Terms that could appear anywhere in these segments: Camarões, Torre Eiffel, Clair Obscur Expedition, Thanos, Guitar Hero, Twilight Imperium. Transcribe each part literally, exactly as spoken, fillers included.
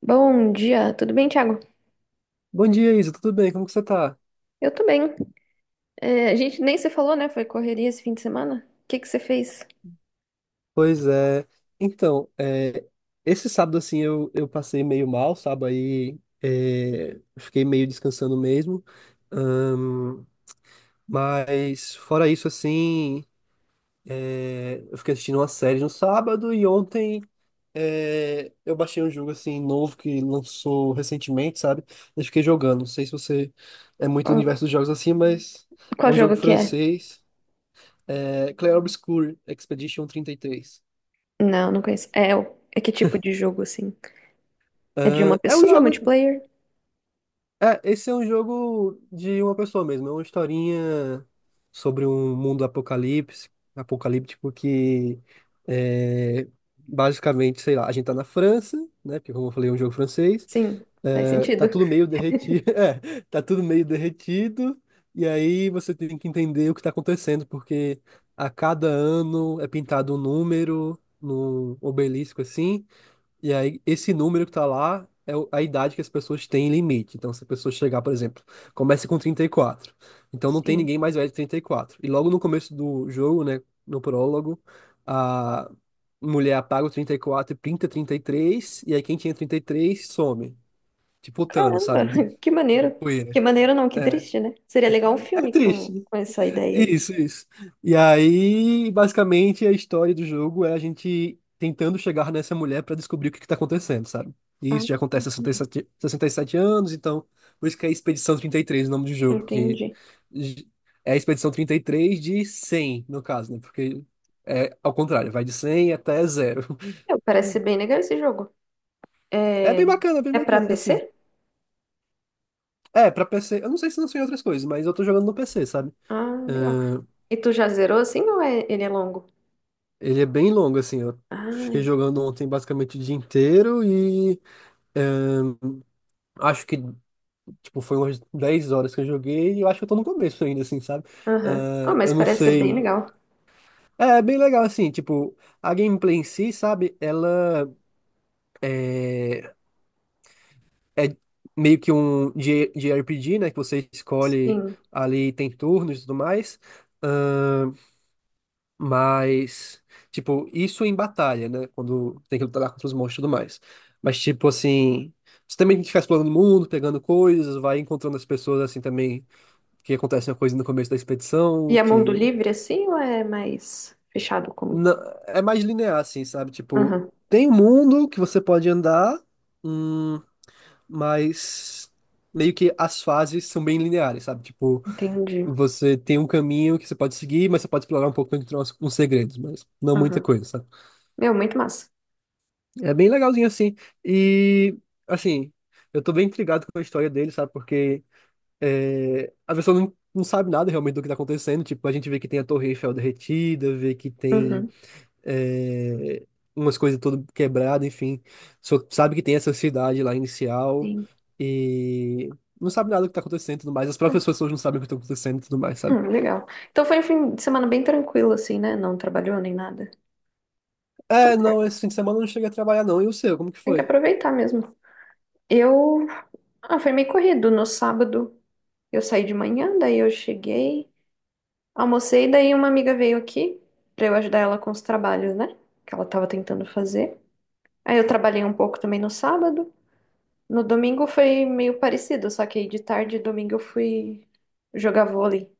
Bom dia, tudo bem, Thiago? Bom dia, Isa. Tudo bem? Como que você tá? Eu tô bem. É, a gente nem se falou, né? Foi correria esse fim de semana? O que que você fez? Pois é. Então, é, esse sábado, assim, eu, eu passei meio mal, sabe? Aí é, fiquei meio descansando mesmo. Ahn, mas, fora isso, assim, é, eu fiquei assistindo uma série no sábado e ontem, é, eu baixei um jogo, assim, novo que lançou recentemente, sabe? Eu fiquei jogando. Não sei se você é muito do Qual, universo dos jogos assim, mas é qual um jogo jogo que é? francês. É, Clair Obscur Expedition trinta e três. Não, não conheço. É, o- é que tipo de jogo, assim? É de uma É, é um pessoa, jogo. multiplayer? É, esse é um jogo de uma pessoa mesmo. É uma historinha sobre um mundo apocalipse, apocalíptico que é, basicamente, sei lá, a gente tá na França, né? Porque como eu falei, é um jogo francês. Sim, faz É, tá sentido. tudo meio derretido. É, tá tudo meio derretido. E aí você tem que entender o que tá acontecendo, porque a cada ano é pintado um número no obelisco assim. E aí, esse número que tá lá é o- a idade que as pessoas têm limite. Então, se a pessoa chegar, por exemplo, começa com trinta e quatro. Então, não tem Sim. ninguém mais velho de trinta E quatro, e logo no começo do jogo, né, no prólogo, a mulher apaga o trinta e quatro e pinta trinta E três, e aí, quem tinha trinta e três some. Tipo o Thanos, Caramba, sabe? que maneiro. Poeira. Que maneiro não, que É, triste, né? Seria legal um é filme com, triste. com essa ideia aí. Isso, isso. E aí, basicamente, a história do jogo é a gente tentando chegar nessa mulher pra descobrir o que que tá acontecendo, sabe? E Ah, isso já acontece há sessenta e entendi. sete sessenta e sete anos, então por isso que é Expedição trinta e três o nome do jogo, que Entendi. j- é a Expedição trinta e três de cem no caso, né? Porque é ao contrário, vai de cem até zero. É, parece ser bem legal esse jogo. É É, bem bacana, bem é pra bacana, assim. P C? É, pra P C, eu não sei se lançou em outras coisas, mas eu tô jogando no P C, sabe? Ah, legal. E tu já zerou assim ou é, ele é longo? Ele é bem longo, assim. Eu fiquei Ah, jogando ontem basicamente o dia inteiro e, é, acho que, tipo, foi umas dez horas que eu joguei, e eu acho que eu tô no começo ainda, assim, sabe? aham. Ah, Ah, mas eu não parece ser bem sei. legal. É, é bem legal, assim, tipo, a gameplay em si, sabe? Ela é meio que um J- JRPG, né? Que você escolhe Sim. ali, tem turnos e tudo mais. Ah, Mas, tipo, isso em batalha, né? Quando tem que lutar lá contra os monstros e tudo mais. Mas, tipo, assim, você também tem que ficar explorando o mundo, pegando coisas, vai encontrando as pessoas, assim, também, que acontece uma coisa no começo da expedição, E é mundo que livre assim ou é mais fechado como? na- é mais linear, assim, sabe? Tipo, Aham, tem um mundo que você pode andar, hum, mas meio que as fases são bem lineares, sabe? Tipo, entendi. você tem um caminho que você pode seguir, mas você pode explorar um pouco, encontrar uns uns segredos, mas não muita Aham. coisa, sabe? Meu, muito massa. É bem legalzinho assim. E, assim, eu tô bem intrigado com a história dele, sabe? Porque é, a pessoa não, não sabe nada realmente do que tá acontecendo. Tipo, a gente vê que tem a Torre Eiffel derretida, vê que tem, Uhum, é, umas coisas todas quebradas, enfim. Só sabe que tem essa cidade lá inicial, sim. e não sabe nada do que tá acontecendo e tudo mais. As Ah, próprias pessoas não sabem o que tá acontecendo e tudo mais, sabe? hum, legal. Então foi um fim de semana bem tranquilo, assim, né? Não trabalhou nem nada. Tá É, não, certo. esse fim de semana eu não cheguei a trabalhar, não. E o seu, como que Tem que foi? aproveitar mesmo. Eu. Ah, foi meio corrido. No sábado eu saí de manhã, daí eu cheguei, almocei, daí uma amiga veio aqui pra eu ajudar ela com os trabalhos, né? Que ela tava tentando fazer. Aí eu trabalhei um pouco também no sábado. No domingo foi meio parecido, só que aí de tarde, domingo, eu fui jogar vôlei.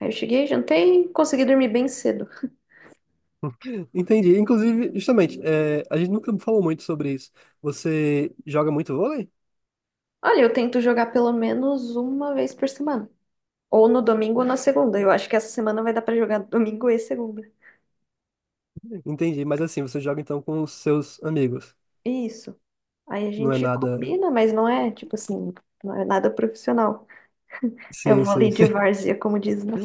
Aí eu cheguei, jantei e consegui dormir bem cedo. Entendi. Inclusive, justamente, é, a gente nunca falou muito sobre isso. Você joga muito vôlei? Olha, eu tento jogar pelo menos uma vez por semana. Ou no domingo ou na segunda. Eu acho que essa semana vai dar pra jogar domingo e segunda. Entendi, mas assim, você joga então com os seus amigos. Isso. Aí a Não é gente nada. combina, mas não é, tipo assim, não é nada profissional. É Sim, sim. vôlei de várzea, como diz, né?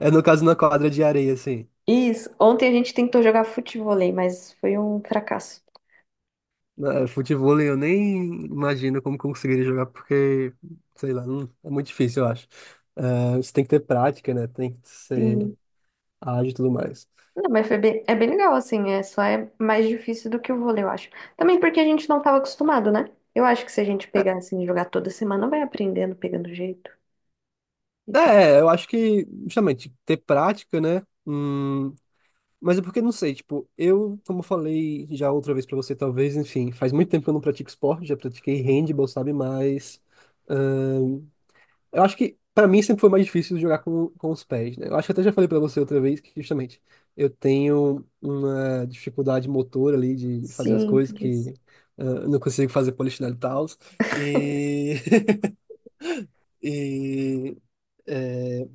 É no caso na quadra de areia, assim. Isso. Ontem a gente tentou jogar futevôlei, mas foi um fracasso. Na- é, Futevôlei eu nem imagino como conseguiria jogar, porque, sei lá, não- é muito difícil, eu acho. É, você tem que ter prática, né? Tem que ser Sim. ágil e tudo mais. Não, mas foi bem- é bem legal, assim, é, só é mais difícil do que o vôlei, eu acho. Também porque a gente não estava acostumado, né? Eu acho que se a gente pegar, assim, e jogar toda semana, vai aprendendo, pegando jeito e É, tal. é, eu acho que, justamente, ter prática, né? Hum, mas é porque não sei, tipo, eu, como eu falei já outra vez pra você, talvez, enfim, faz muito tempo que eu não pratico esporte, já pratiquei handball, sabe? Mas ahn, eu acho que pra mim sempre foi mais difícil jogar com, com, os pés, né? Eu acho que até já falei pra você outra vez que justamente eu tenho uma dificuldade motora ali de fazer as Sim, coisas tudo isso. que, ah, eu não consigo fazer polichinelo e tal. E, e é,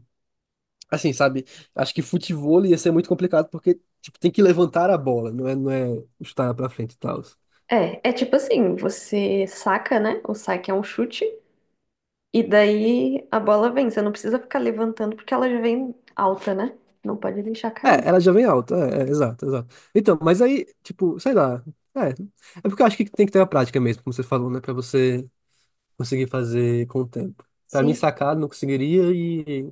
Assim, sabe? Acho que futevôlei ia ser muito complicado porque, tipo, tem que levantar a bola, não é, não é chutar pra frente e tal. É, é tipo assim, você saca, né? O saque é um chute, e daí a bola vem. Você não precisa ficar levantando porque ela já vem alta, né? Não pode deixar É, cair. ela já vem alta, é, é, exato, exato. Então, mas aí, tipo, sei lá. É, é porque eu acho que tem que ter a prática mesmo, como você falou, né? Pra você conseguir fazer com o tempo. Pra mim, Sim, sacar, não conseguiria, e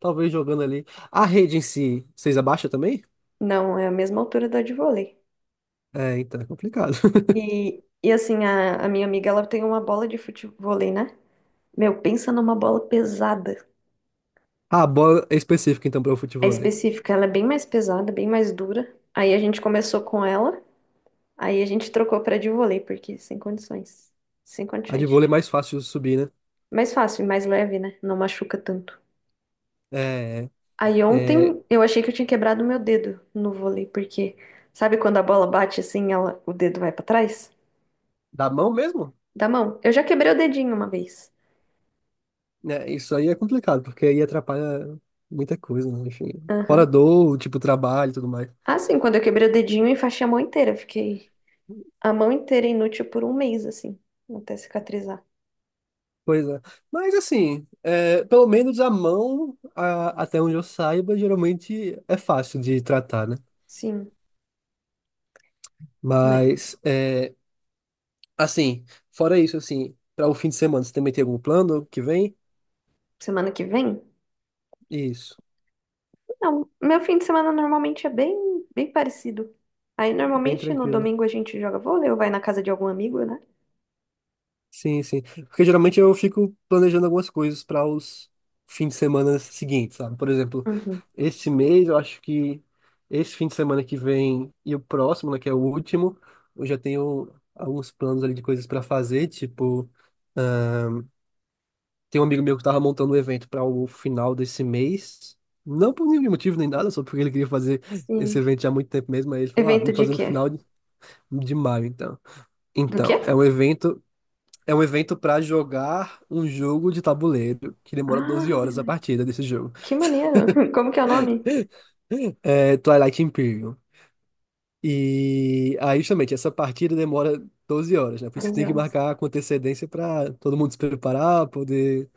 talvez jogando ali. A rede em si, vocês abaixam também? não, é a mesma altura da de vôlei. É, então é complicado. E, e assim, a, a minha amiga, ela tem uma bola de futevôlei, né? Meu, pensa numa bola pesada. Ah, a bola é específica, então, para o É futevôlei. específica, ela é bem mais pesada, bem mais dura. Aí a gente começou com ela, aí a gente trocou pra de vôlei, porque sem condições. Sem A de condições. vôlei é mais fácil de subir, né? Mais fácil, e mais leve, né? Não machuca tanto. É, Aí é, ontem eu achei que eu tinha quebrado meu dedo no vôlei, porque sabe quando a bola bate assim, ela, o dedo vai pra trás? da mão mesmo? Da mão. Eu já quebrei o dedinho uma vez. É, isso aí é complicado, porque aí atrapalha muita coisa, né? Enfim. Fora Aham. dor, tipo, trabalho e tudo mais. Ah, sim, quando eu quebrei o dedinho, eu enfaixei a mão inteira. Fiquei a mão inteira inútil por um mês, assim, até cicatrizar. Pois é. Mas assim, é, pelo menos a mão, a- até onde eu saiba, geralmente é fácil de tratar, né? Sim. Mas Mas, é, assim, fora isso, assim, para o fim de semana, você também tem algum plano que vem? semana que vem? Isso, Não, meu fim de semana normalmente é bem, bem parecido. Aí bem normalmente no tranquilo. domingo a gente joga vôlei ou vai na casa de algum amigo, né? Sim, sim. Porque geralmente eu fico planejando algumas coisas para os fins de semana seguintes, sabe? Por exemplo, Uhum. esse mês eu acho que esse fim de semana que vem e o próximo, né, que é o último, eu já tenho alguns planos ali de coisas para fazer. Tipo, tem um amigo meu que tava montando um evento para o final desse mês. Não por nenhum motivo nem nada, só porque ele queria fazer esse Sim. evento já há muito tempo mesmo. Aí ele falou: ah, Evento vamos de fazer no quê? final de de maio, então. Do quê? Então, é um evento. É um evento pra jogar um jogo de tabuleiro que demora doze Ah, horas a partida desse jogo. que maneiro. Como que é o nome? É Twilight Imperium. E aí, justamente, essa partida demora doze horas, né? Por isso que doze tem que horas. marcar com antecedência pra todo mundo se preparar, poder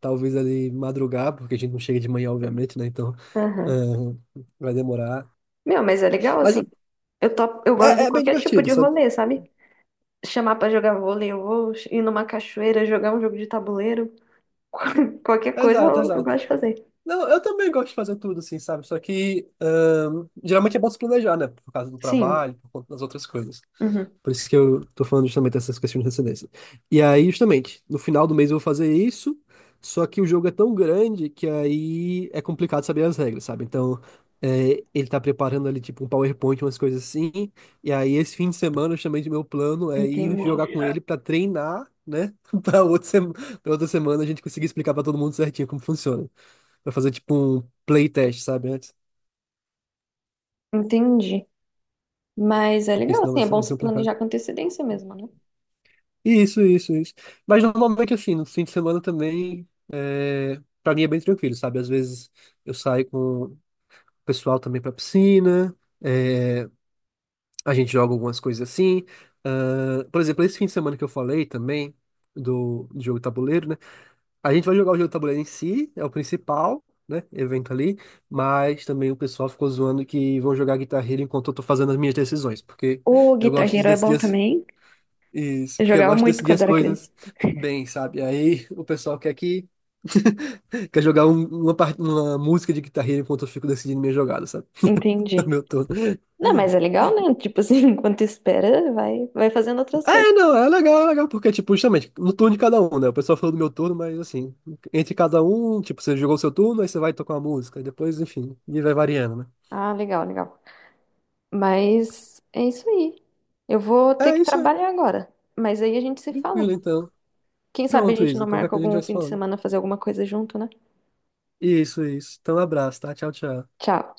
talvez ali madrugar, porque a gente não chega de manhã, obviamente, né? Então, Aham. ah, vai demorar. Meu, mas é legal assim. Mas Eu topo, eu gosto é, de é bem qualquer tipo divertido, de sabe? rolê, sabe? Chamar pra jogar vôlei, eu vou ir numa cachoeira, jogar um jogo de tabuleiro, qualquer coisa Exato, eu, eu exato. gosto de fazer. Não, eu também gosto de fazer tudo, assim, sabe? Só que, ah, geralmente é bom se planejar, né? Por causa do Sim. trabalho, por conta das outras coisas. Uhum. Por isso que eu tô falando justamente dessas questões de transcendência. E aí, justamente, no final do mês eu vou fazer isso, só que o jogo é tão grande que aí é complicado saber as regras, sabe? Então, é, ele tá preparando ali, tipo, um PowerPoint, umas coisas assim. E aí, esse fim de semana, justamente, meu plano é Entendi. ir jogar com ele pra treinar, né? Pra outra, sema- pra outra semana a gente conseguir explicar pra todo mundo certinho como funciona. Pra fazer, tipo, um playtest, sabe? Antes. Entendi. Mas é Porque legal, senão assim, vai é ser bom muito se planejar complicado. com antecedência mesmo, né? Isso, isso, isso. Mas normalmente, assim, no fim de semana também, é... pra mim é bem tranquilo, sabe? Às vezes eu saio com o pessoal também pra piscina, é, a gente joga algumas coisas assim. Ah, por exemplo, esse fim de semana que eu falei também, do, do jogo de tabuleiro, né? A gente vai jogar o jogo de tabuleiro em si, é o principal, né? Evento ali, mas também o pessoal ficou zoando que vão jogar guitarra Hero enquanto eu tô fazendo as minhas decisões, porque O eu Guitar gosto de Hero é decidir bom também. isso, Eu porque eu jogava gosto de muito decidir quando as era criança. coisas bem, sabe? Aí o pessoal quer que quer jogar um- uma, par- uma música de Guitar Hero enquanto eu fico decidindo minha jogada, sabe? Entendi. Meu turno. Não, mas é legal, né? Tipo assim, enquanto espera, vai, vai fazendo outras É, coisas. não, é legal, é legal, porque, tipo, justamente, no turno de cada um, né? O pessoal falou do meu turno, mas assim, entre cada um, tipo, você jogou o seu turno, aí você vai tocar uma música, e depois, enfim, e vai variando, né? Ah, legal, legal. Mas é isso aí. Eu vou ter É que isso aí. trabalhar agora. Mas aí a gente se fala. Tranquilo, então. Quem sabe a Pronto, gente não Isa. Qualquer marca coisa a gente algum vai se fim de falando. semana fazer alguma coisa junto, né? Isso, isso. Então, abraço, tá? Tchau, tchau. Tchau.